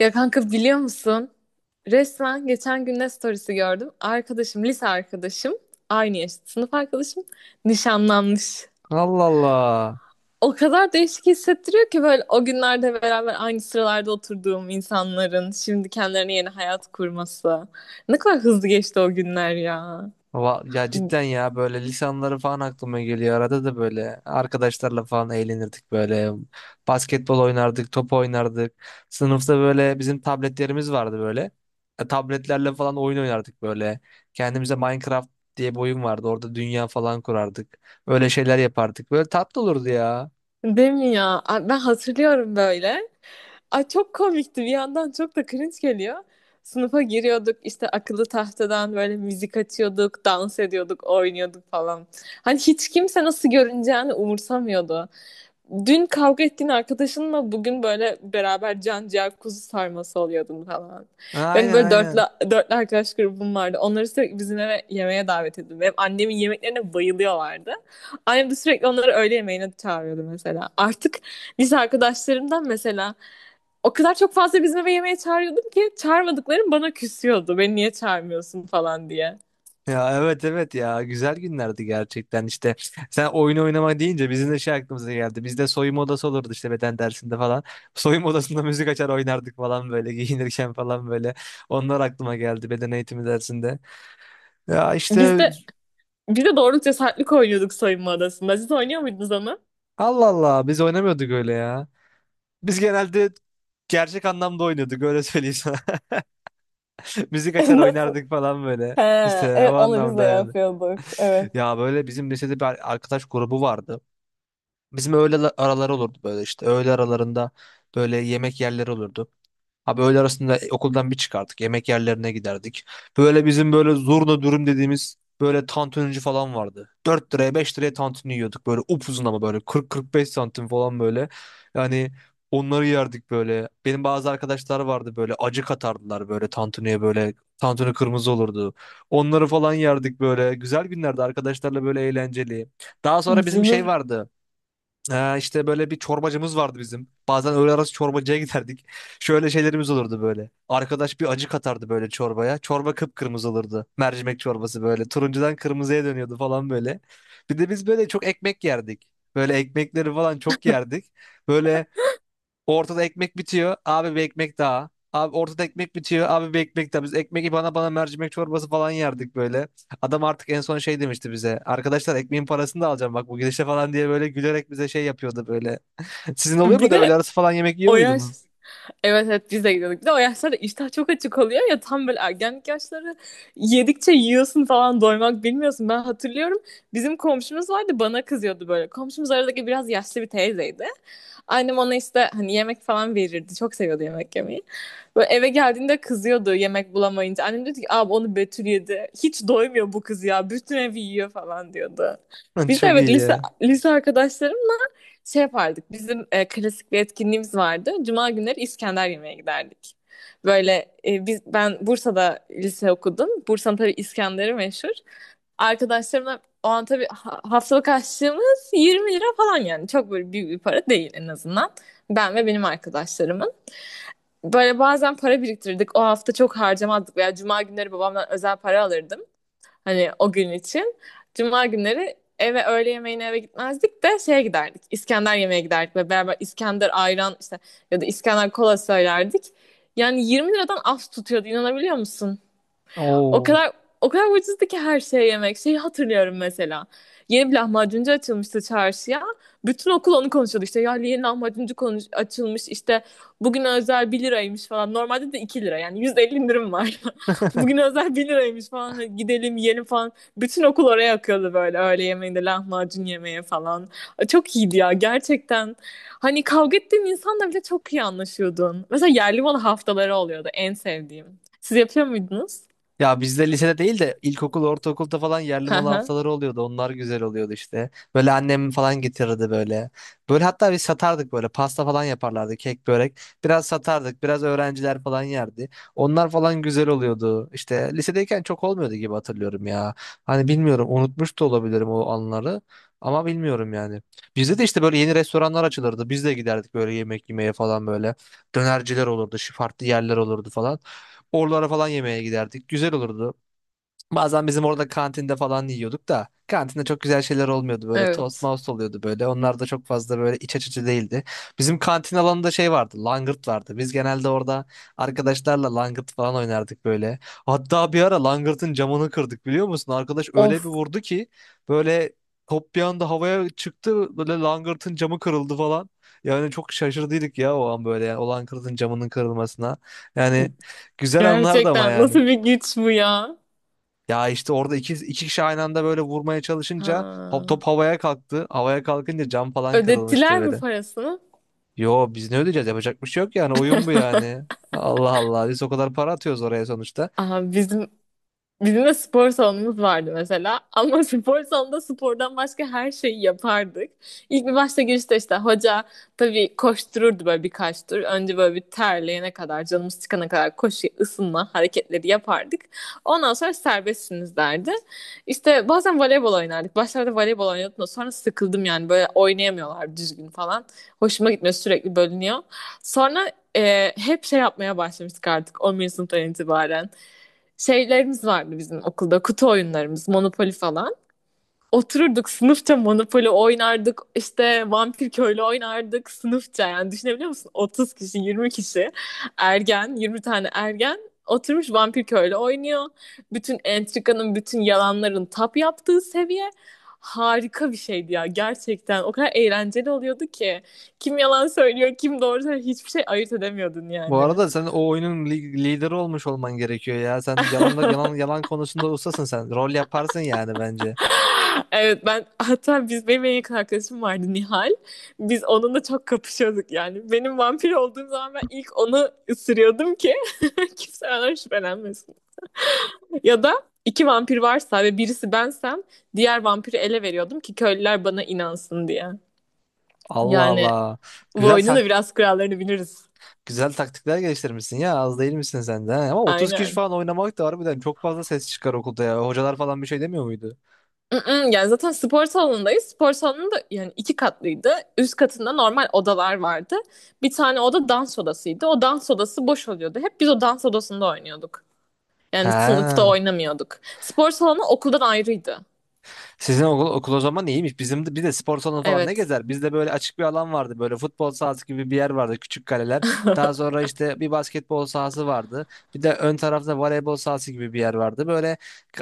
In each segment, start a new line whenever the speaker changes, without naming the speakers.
Ya kanka, biliyor musun? Resmen geçen gün ne storiesi gördüm. Lise arkadaşım, aynı yaşta sınıf arkadaşım nişanlanmış.
Allah Allah.
O kadar değişik hissettiriyor ki böyle, o günlerde beraber aynı sıralarda oturduğum insanların şimdi kendilerine yeni hayat kurması. Ne kadar hızlı geçti o günler ya.
Ya cidden ya, böyle lisanları falan aklıma geliyor. Arada da böyle arkadaşlarla falan eğlenirdik böyle. Basketbol oynardık, top oynardık. Sınıfta böyle bizim tabletlerimiz vardı böyle. Tabletlerle falan oyun oynardık böyle. Kendimize Minecraft diye bir oyun vardı. Orada dünya falan kurardık. Öyle şeyler yapardık. Böyle tatlı olurdu ya.
Değil mi ya? Ay, ben hatırlıyorum böyle. Ay, çok komikti, bir yandan çok da cringe geliyor. Sınıfa giriyorduk işte, akıllı tahtadan böyle müzik açıyorduk, dans ediyorduk, oynuyorduk falan. Hani hiç kimse nasıl görüneceğini umursamıyordu. Dün kavga ettiğin arkadaşınla bugün böyle beraber can ciğer kuzu sarması oluyordun falan. Benim
Aynen
böyle dörtlü,
aynen.
dörtlü arkadaş grubum vardı. Onları sürekli bizim eve yemeğe davet ediyordum. Benim annemin yemeklerine bayılıyorlardı. Annem de sürekli onları öğle yemeğine çağırıyordu mesela. Artık lise arkadaşlarımdan mesela o kadar çok fazla bizim eve yemeğe çağırıyordum ki çağırmadıklarım bana küsüyordu. Beni niye çağırmıyorsun falan diye.
Ya evet evet, ya güzel günlerdi gerçekten. İşte sen oyun oynama deyince bizim de şey aklımıza geldi, bizde de soyunma odası olurdu işte beden dersinde falan. Soyunma odasında müzik açar oynardık falan böyle. Giyinirken falan böyle, onlar aklıma geldi beden eğitimi dersinde, ya
Biz
işte.
de biz de doğru cesaretlik oynuyorduk soyunma odasında. Siz oynuyor muydunuz onu?
Allah Allah, biz oynamıyorduk öyle ya. Biz genelde gerçek anlamda oynuyorduk, öyle söyleyeyim sana. Müzik açar
Nasıl?
oynardık falan böyle,
He,
işte o
evet, onu biz de
anlamda yani.
yapıyorduk. Evet.
Ya böyle bizim lisede bir arkadaş grubu vardı. Bizim öğle araları olurdu böyle işte. Öğle aralarında böyle yemek yerleri olurdu. Abi öğle arasında okuldan bir çıkardık. Yemek yerlerine giderdik. Böyle bizim böyle zurna dürüm dediğimiz böyle tantunici falan vardı. Dört liraya, 5 liraya tantuni yiyorduk. Böyle upuzun ama böyle kırk, kırk beş santim falan böyle. Yani onları yerdik böyle. Benim bazı arkadaşlar vardı, böyle acı katardılar böyle tantuniye böyle. Tantuni kırmızı olurdu. Onları falan yerdik böyle. Güzel günlerdi arkadaşlarla, böyle eğlenceli. Daha sonra bizim şey
Canım.
vardı. İşte böyle bir çorbacımız vardı bizim. Bazen öğle arası çorbacıya giderdik. Şöyle şeylerimiz olurdu böyle. Arkadaş bir acı katardı böyle çorbaya. Çorba kıpkırmızı olurdu. Mercimek çorbası böyle. Turuncudan kırmızıya dönüyordu falan böyle. Bir de biz böyle çok ekmek yerdik. Böyle ekmekleri falan çok yerdik. Böyle ortada ekmek bitiyor. Abi bir ekmek daha. Abi ortada ekmek bitiyor. Abi bir ekmek daha. Biz ekmek bana bana mercimek çorbası falan yerdik böyle. Adam artık en son şey demişti bize. Arkadaşlar, ekmeğin parasını da alacağım bak bu gidişle falan diye böyle gülerek bize şey yapıyordu böyle. Sizin oluyor mu
Bir
da, öğle
de
arası falan yemek yiyor
o yaş
muydunuz?
Evet, evet, biz de gidiyorduk. Bir de o yaşlarda iştah çok açık oluyor ya, tam böyle ergenlik yaşları, yedikçe yiyorsun falan, doymak bilmiyorsun. Ben hatırlıyorum, bizim komşumuz vardı, bana kızıyordu böyle. Komşumuz aradaki biraz yaşlı bir teyzeydi. Annem ona işte hani yemek falan verirdi. Çok seviyordu yemek yemeyi. Böyle eve geldiğinde kızıyordu yemek bulamayınca. Annem diyordu ki abi onu Betül yedi. Hiç doymuyor bu kız ya. Bütün evi yiyor falan diyordu. Biz de
Çok
evet,
iyi
lise,
ya.
lise arkadaşlarım şey yapardık. Bizim klasik bir etkinliğimiz vardı. Cuma günleri İskender yemeye giderdik. Böyle ben Bursa'da lise okudum. Bursa'nın tabii İskender'i meşhur. Arkadaşlarımla o an tabii haftalık harçlığımız 20 lira falan yani. Çok böyle büyük bir para değil en azından. Ben ve benim arkadaşlarımın. Böyle bazen para biriktirirdik. O hafta çok harcamazdık veya cuma günleri babamdan özel para alırdım. Hani o gün için. Cuma günleri eve öğle yemeğine eve gitmezdik de şeye giderdik. İskender yemeğe giderdik ve beraber İskender ayran işte, ya da İskender kola söylerdik. Yani 20 liradan az tutuyordu, inanabiliyor musun? O
Oo.
kadar, o kadar ucuzdu ki her şey, yemek. Şeyi hatırlıyorum mesela. Yeni bir lahmacuncu açılmıştı çarşıya. Bütün okul onu konuşuyordu işte. Ya yeni lahmacuncu konuş açılmış işte. Bugün özel 1 liraymış falan. Normalde de 2 lira yani %50 indirim var. Bugün özel 1 liraymış falan. Hadi gidelim yiyelim falan. Bütün okul oraya akıyordu böyle öğle yemeğinde lahmacun yemeye falan. Çok iyiydi ya gerçekten. Hani kavga ettiğin insanla bile çok iyi anlaşıyordun. Mesela yerli malı haftaları oluyordu en sevdiğim. Siz yapıyor muydunuz?
Ya bizde lisede değil de ilkokul, ortaokulda falan yerli malı
Aha,
haftaları oluyordu. Onlar güzel oluyordu işte. Böyle annem falan getirirdi böyle. Böyle hatta biz satardık böyle. Pasta falan yaparlardı, kek, börek. Biraz satardık, biraz öğrenciler falan yerdi. Onlar falan güzel oluyordu. İşte lisedeyken çok olmuyordu gibi hatırlıyorum ya. Hani bilmiyorum, unutmuş da olabilirim o anları. Ama bilmiyorum yani. Bizde de işte böyle yeni restoranlar açılırdı. Biz de giderdik böyle yemek yemeye falan böyle. Dönerciler olurdu, şu farklı yerler olurdu falan. Oralara falan yemeğe giderdik. Güzel olurdu. Bazen bizim orada kantinde falan yiyorduk da kantinde çok güzel şeyler olmuyordu, böyle tost
evet.
mouse oluyordu böyle, onlar da çok fazla böyle iç açıcı değildi. Bizim kantin alanında şey vardı, langırt vardı, biz genelde orada arkadaşlarla langırt falan oynardık böyle. Hatta bir ara langırtın camını kırdık, biliyor musun? Arkadaş öyle bir
Of,
vurdu ki böyle, top bir anda havaya çıktı, böyle langırtın camı kırıldı falan. Yani çok şaşırdıydık ya o an, böyle yani o langırtın camının kırılmasına. Yani güzel anlardı ama
gerçekten nasıl
yani.
bir güç bu ya?
Ya işte orada iki, iki kişi aynı anda böyle vurmaya çalışınca hop,
Ha.
top havaya kalktı. Havaya kalkınca cam falan kırılmıştı
Ödettiler mi
böyle.
parasını?
Yo, biz ne ödeyeceğiz? Yapacak bir şey yok yani, oyun bu yani. Allah Allah, biz o kadar para atıyoruz oraya sonuçta.
Aha. Bizim de spor salonumuz vardı mesela. Ama spor salonunda spordan başka her şeyi yapardık. İlk bir başta girişte işte hoca tabii koştururdu böyle birkaç tur. Önce böyle bir terleyene kadar, canımız çıkana kadar koşu, ısınma hareketleri yapardık. Ondan sonra serbestsiniz derdi. İşte bazen voleybol oynardık. Başlarda voleybol oynuyordum da sonra sıkıldım yani, böyle oynayamıyorlar düzgün falan. Hoşuma gitmiyor, sürekli bölünüyor. Sonra hep şey yapmaya başlamıştık artık 11. sınıftan itibaren. Şeylerimiz vardı bizim okulda, kutu oyunlarımız, Monopoly falan. Otururduk sınıfça Monopoly oynardık, işte Vampir Köylü oynardık sınıfça. Yani düşünebiliyor musun, 30 kişi, 20 kişi ergen, 20 tane ergen oturmuş Vampir Köylü oynuyor. Bütün entrikanın, bütün yalanların tap yaptığı seviye, harika bir şeydi ya gerçekten. O kadar eğlenceli oluyordu ki kim yalan söylüyor, kim doğru söylüyor, hiçbir şey ayırt edemiyordun
Bu
yani.
arada sen o oyunun lideri olmuş olman gerekiyor ya. Sen yalan yalan yalan konusunda ustasın sen. Rol yaparsın yani, bence.
Evet, ben hatta biz, benim en yakın arkadaşım vardı, Nihal. Biz onunla çok kapışıyorduk yani. Benim vampir olduğum zaman ben ilk onu ısırıyordum ki kimse benden şüphelenmesin. Ya da iki vampir varsa ve birisi bensem diğer vampiri ele veriyordum ki köylüler bana inansın diye.
Allah
Yani
Allah.
bu
Güzel
oyunun da
tak
biraz kurallarını biliriz.
güzel taktikler geliştirmişsin ya. Az değil misin sen de? He? Ama 30 kişi
Aynen.
falan oynamak da harbiden çok fazla ses çıkar okulda ya. Hocalar falan bir şey demiyor muydu?
Mm-mm. Yani zaten spor salonundayız. Spor salonu da yani iki katlıydı. Üst katında normal odalar vardı. Bir tane oda dans odasıydı. O dans odası boş oluyordu. Hep biz o dans odasında oynuyorduk. Yani sınıfta
He.
oynamıyorduk. Spor salonu okuldan ayrıydı.
Sizin okul, okul o zaman iyiymiş. Bir de spor salonu falan ne
Evet.
gezer? Bizde böyle açık bir alan vardı. Böyle futbol sahası gibi bir yer vardı. Küçük kaleler. Daha sonra işte bir basketbol sahası vardı. Bir de ön tarafta voleybol sahası gibi bir yer vardı. Böyle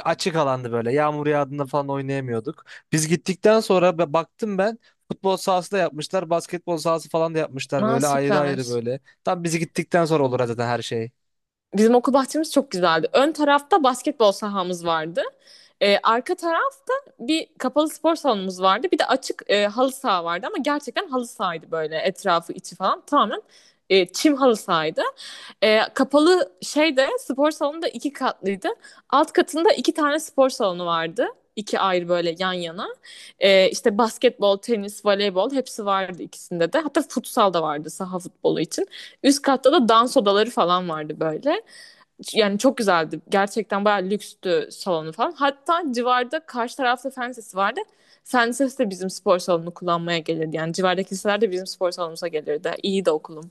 açık alandı böyle. Yağmur yağdığında falan oynayamıyorduk. Biz gittikten sonra baktım ben. Futbol sahası da yapmışlar. Basketbol sahası falan da yapmışlar
Aa,
böyle ayrı ayrı
süper.
böyle. Tam bizi gittikten sonra olur zaten her şey.
Bizim okul bahçemiz çok güzeldi. Ön tarafta basketbol sahamız vardı. Arka tarafta bir kapalı spor salonumuz vardı. Bir de açık halı saha vardı ama gerçekten halı sahaydı, böyle etrafı, içi falan tamamen çim halı sahaydı. Kapalı şeyde spor salonu da iki katlıydı. Alt katında iki tane spor salonu vardı. İki ayrı böyle yan yana. İşte basketbol, tenis, voleybol hepsi vardı ikisinde de. Hatta futsal da vardı, saha futbolu için. Üst katta da dans odaları falan vardı böyle. Yani çok güzeldi. Gerçekten bayağı lükstü salonu falan. Hatta civarda, karşı tarafta fen lisesi vardı. Fen lisesi de bizim spor salonunu kullanmaya gelirdi. Yani civardaki liseler de bizim spor salonumuza gelirdi. İyi de okulum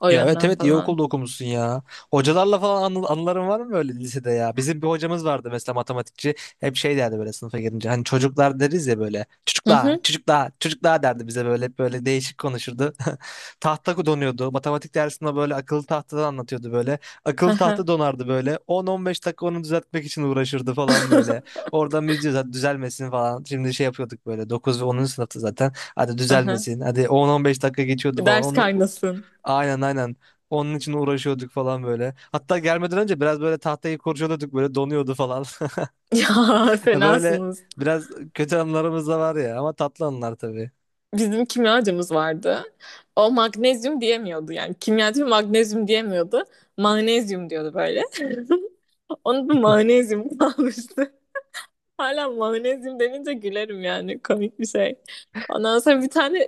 o
Ya evet
yönden
evet, iyi
falan.
okulda okumuşsun ya. Hocalarla falan anıların var mı böyle lisede ya? Bizim bir hocamız vardı mesela, matematikçi. Hep şey derdi böyle sınıfa girince. Hani çocuklar deriz ya böyle.
Hı
Çocuklar,
hı.
çocuklar, çocuklar derdi bize böyle. Hep böyle değişik konuşurdu. Tahta donuyordu. Matematik dersinde böyle akıllı tahtadan anlatıyordu böyle.
Hı
Akıllı tahta
hı.
donardı böyle. 10-15 dakika onu düzeltmek için uğraşırdı falan böyle. Oradan biz diyoruz hadi düzelmesin falan. Şimdi şey yapıyorduk böyle 9 ve 10. sınıfta zaten. Hadi
Hı hı.
düzelmesin. Hadi 10-15 dakika geçiyordu falan.
Ders
Onu
kaynasın.
aynen aynen. Onun için uğraşıyorduk falan böyle. Hatta gelmeden önce biraz böyle tahtayı kurcalıyorduk, böyle donuyordu falan.
Ya
Böyle
fenasınız.
biraz kötü anılarımız da var ya, ama tatlı anılar tabii.
Bizim kimyacımız vardı. O magnezyum diyemiyordu yani. Kimyacı magnezyum diyemiyordu. Magnezyum diyordu böyle. Onun da magnezyum kalmıştı. Hala mayonezyum denince gülerim yani, komik bir şey. Ondan sonra bir tane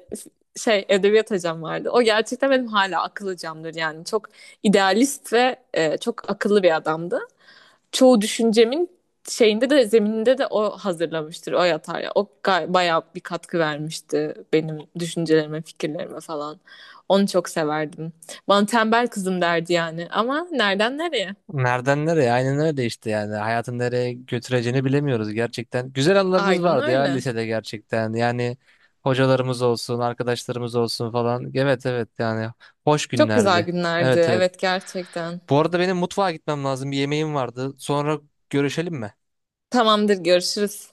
şey edebiyat hocam vardı. O gerçekten benim hala akıl hocamdır yani. Çok idealist ve çok akıllı bir adamdı. Çoğu düşüncemin şeyinde de, zemininde de o hazırlamıştır, o yatar ya. O bayağı bir katkı vermişti benim düşüncelerime, fikirlerime falan. Onu çok severdim. Bana tembel kızım derdi yani, ama nereden nereye?
Nereden nereye? Aynen öyle işte yani. Hayatın nereye götüreceğini bilemiyoruz gerçekten. Güzel anılarımız
Aynen
vardı ya
öyle.
lisede gerçekten. Yani hocalarımız olsun, arkadaşlarımız olsun falan. Evet evet yani, hoş
Çok güzel
günlerdi.
günlerdi,
Evet evet.
evet, gerçekten.
Bu arada benim mutfağa gitmem lazım. Bir yemeğim vardı. Sonra görüşelim mi?
Tamamdır, görüşürüz.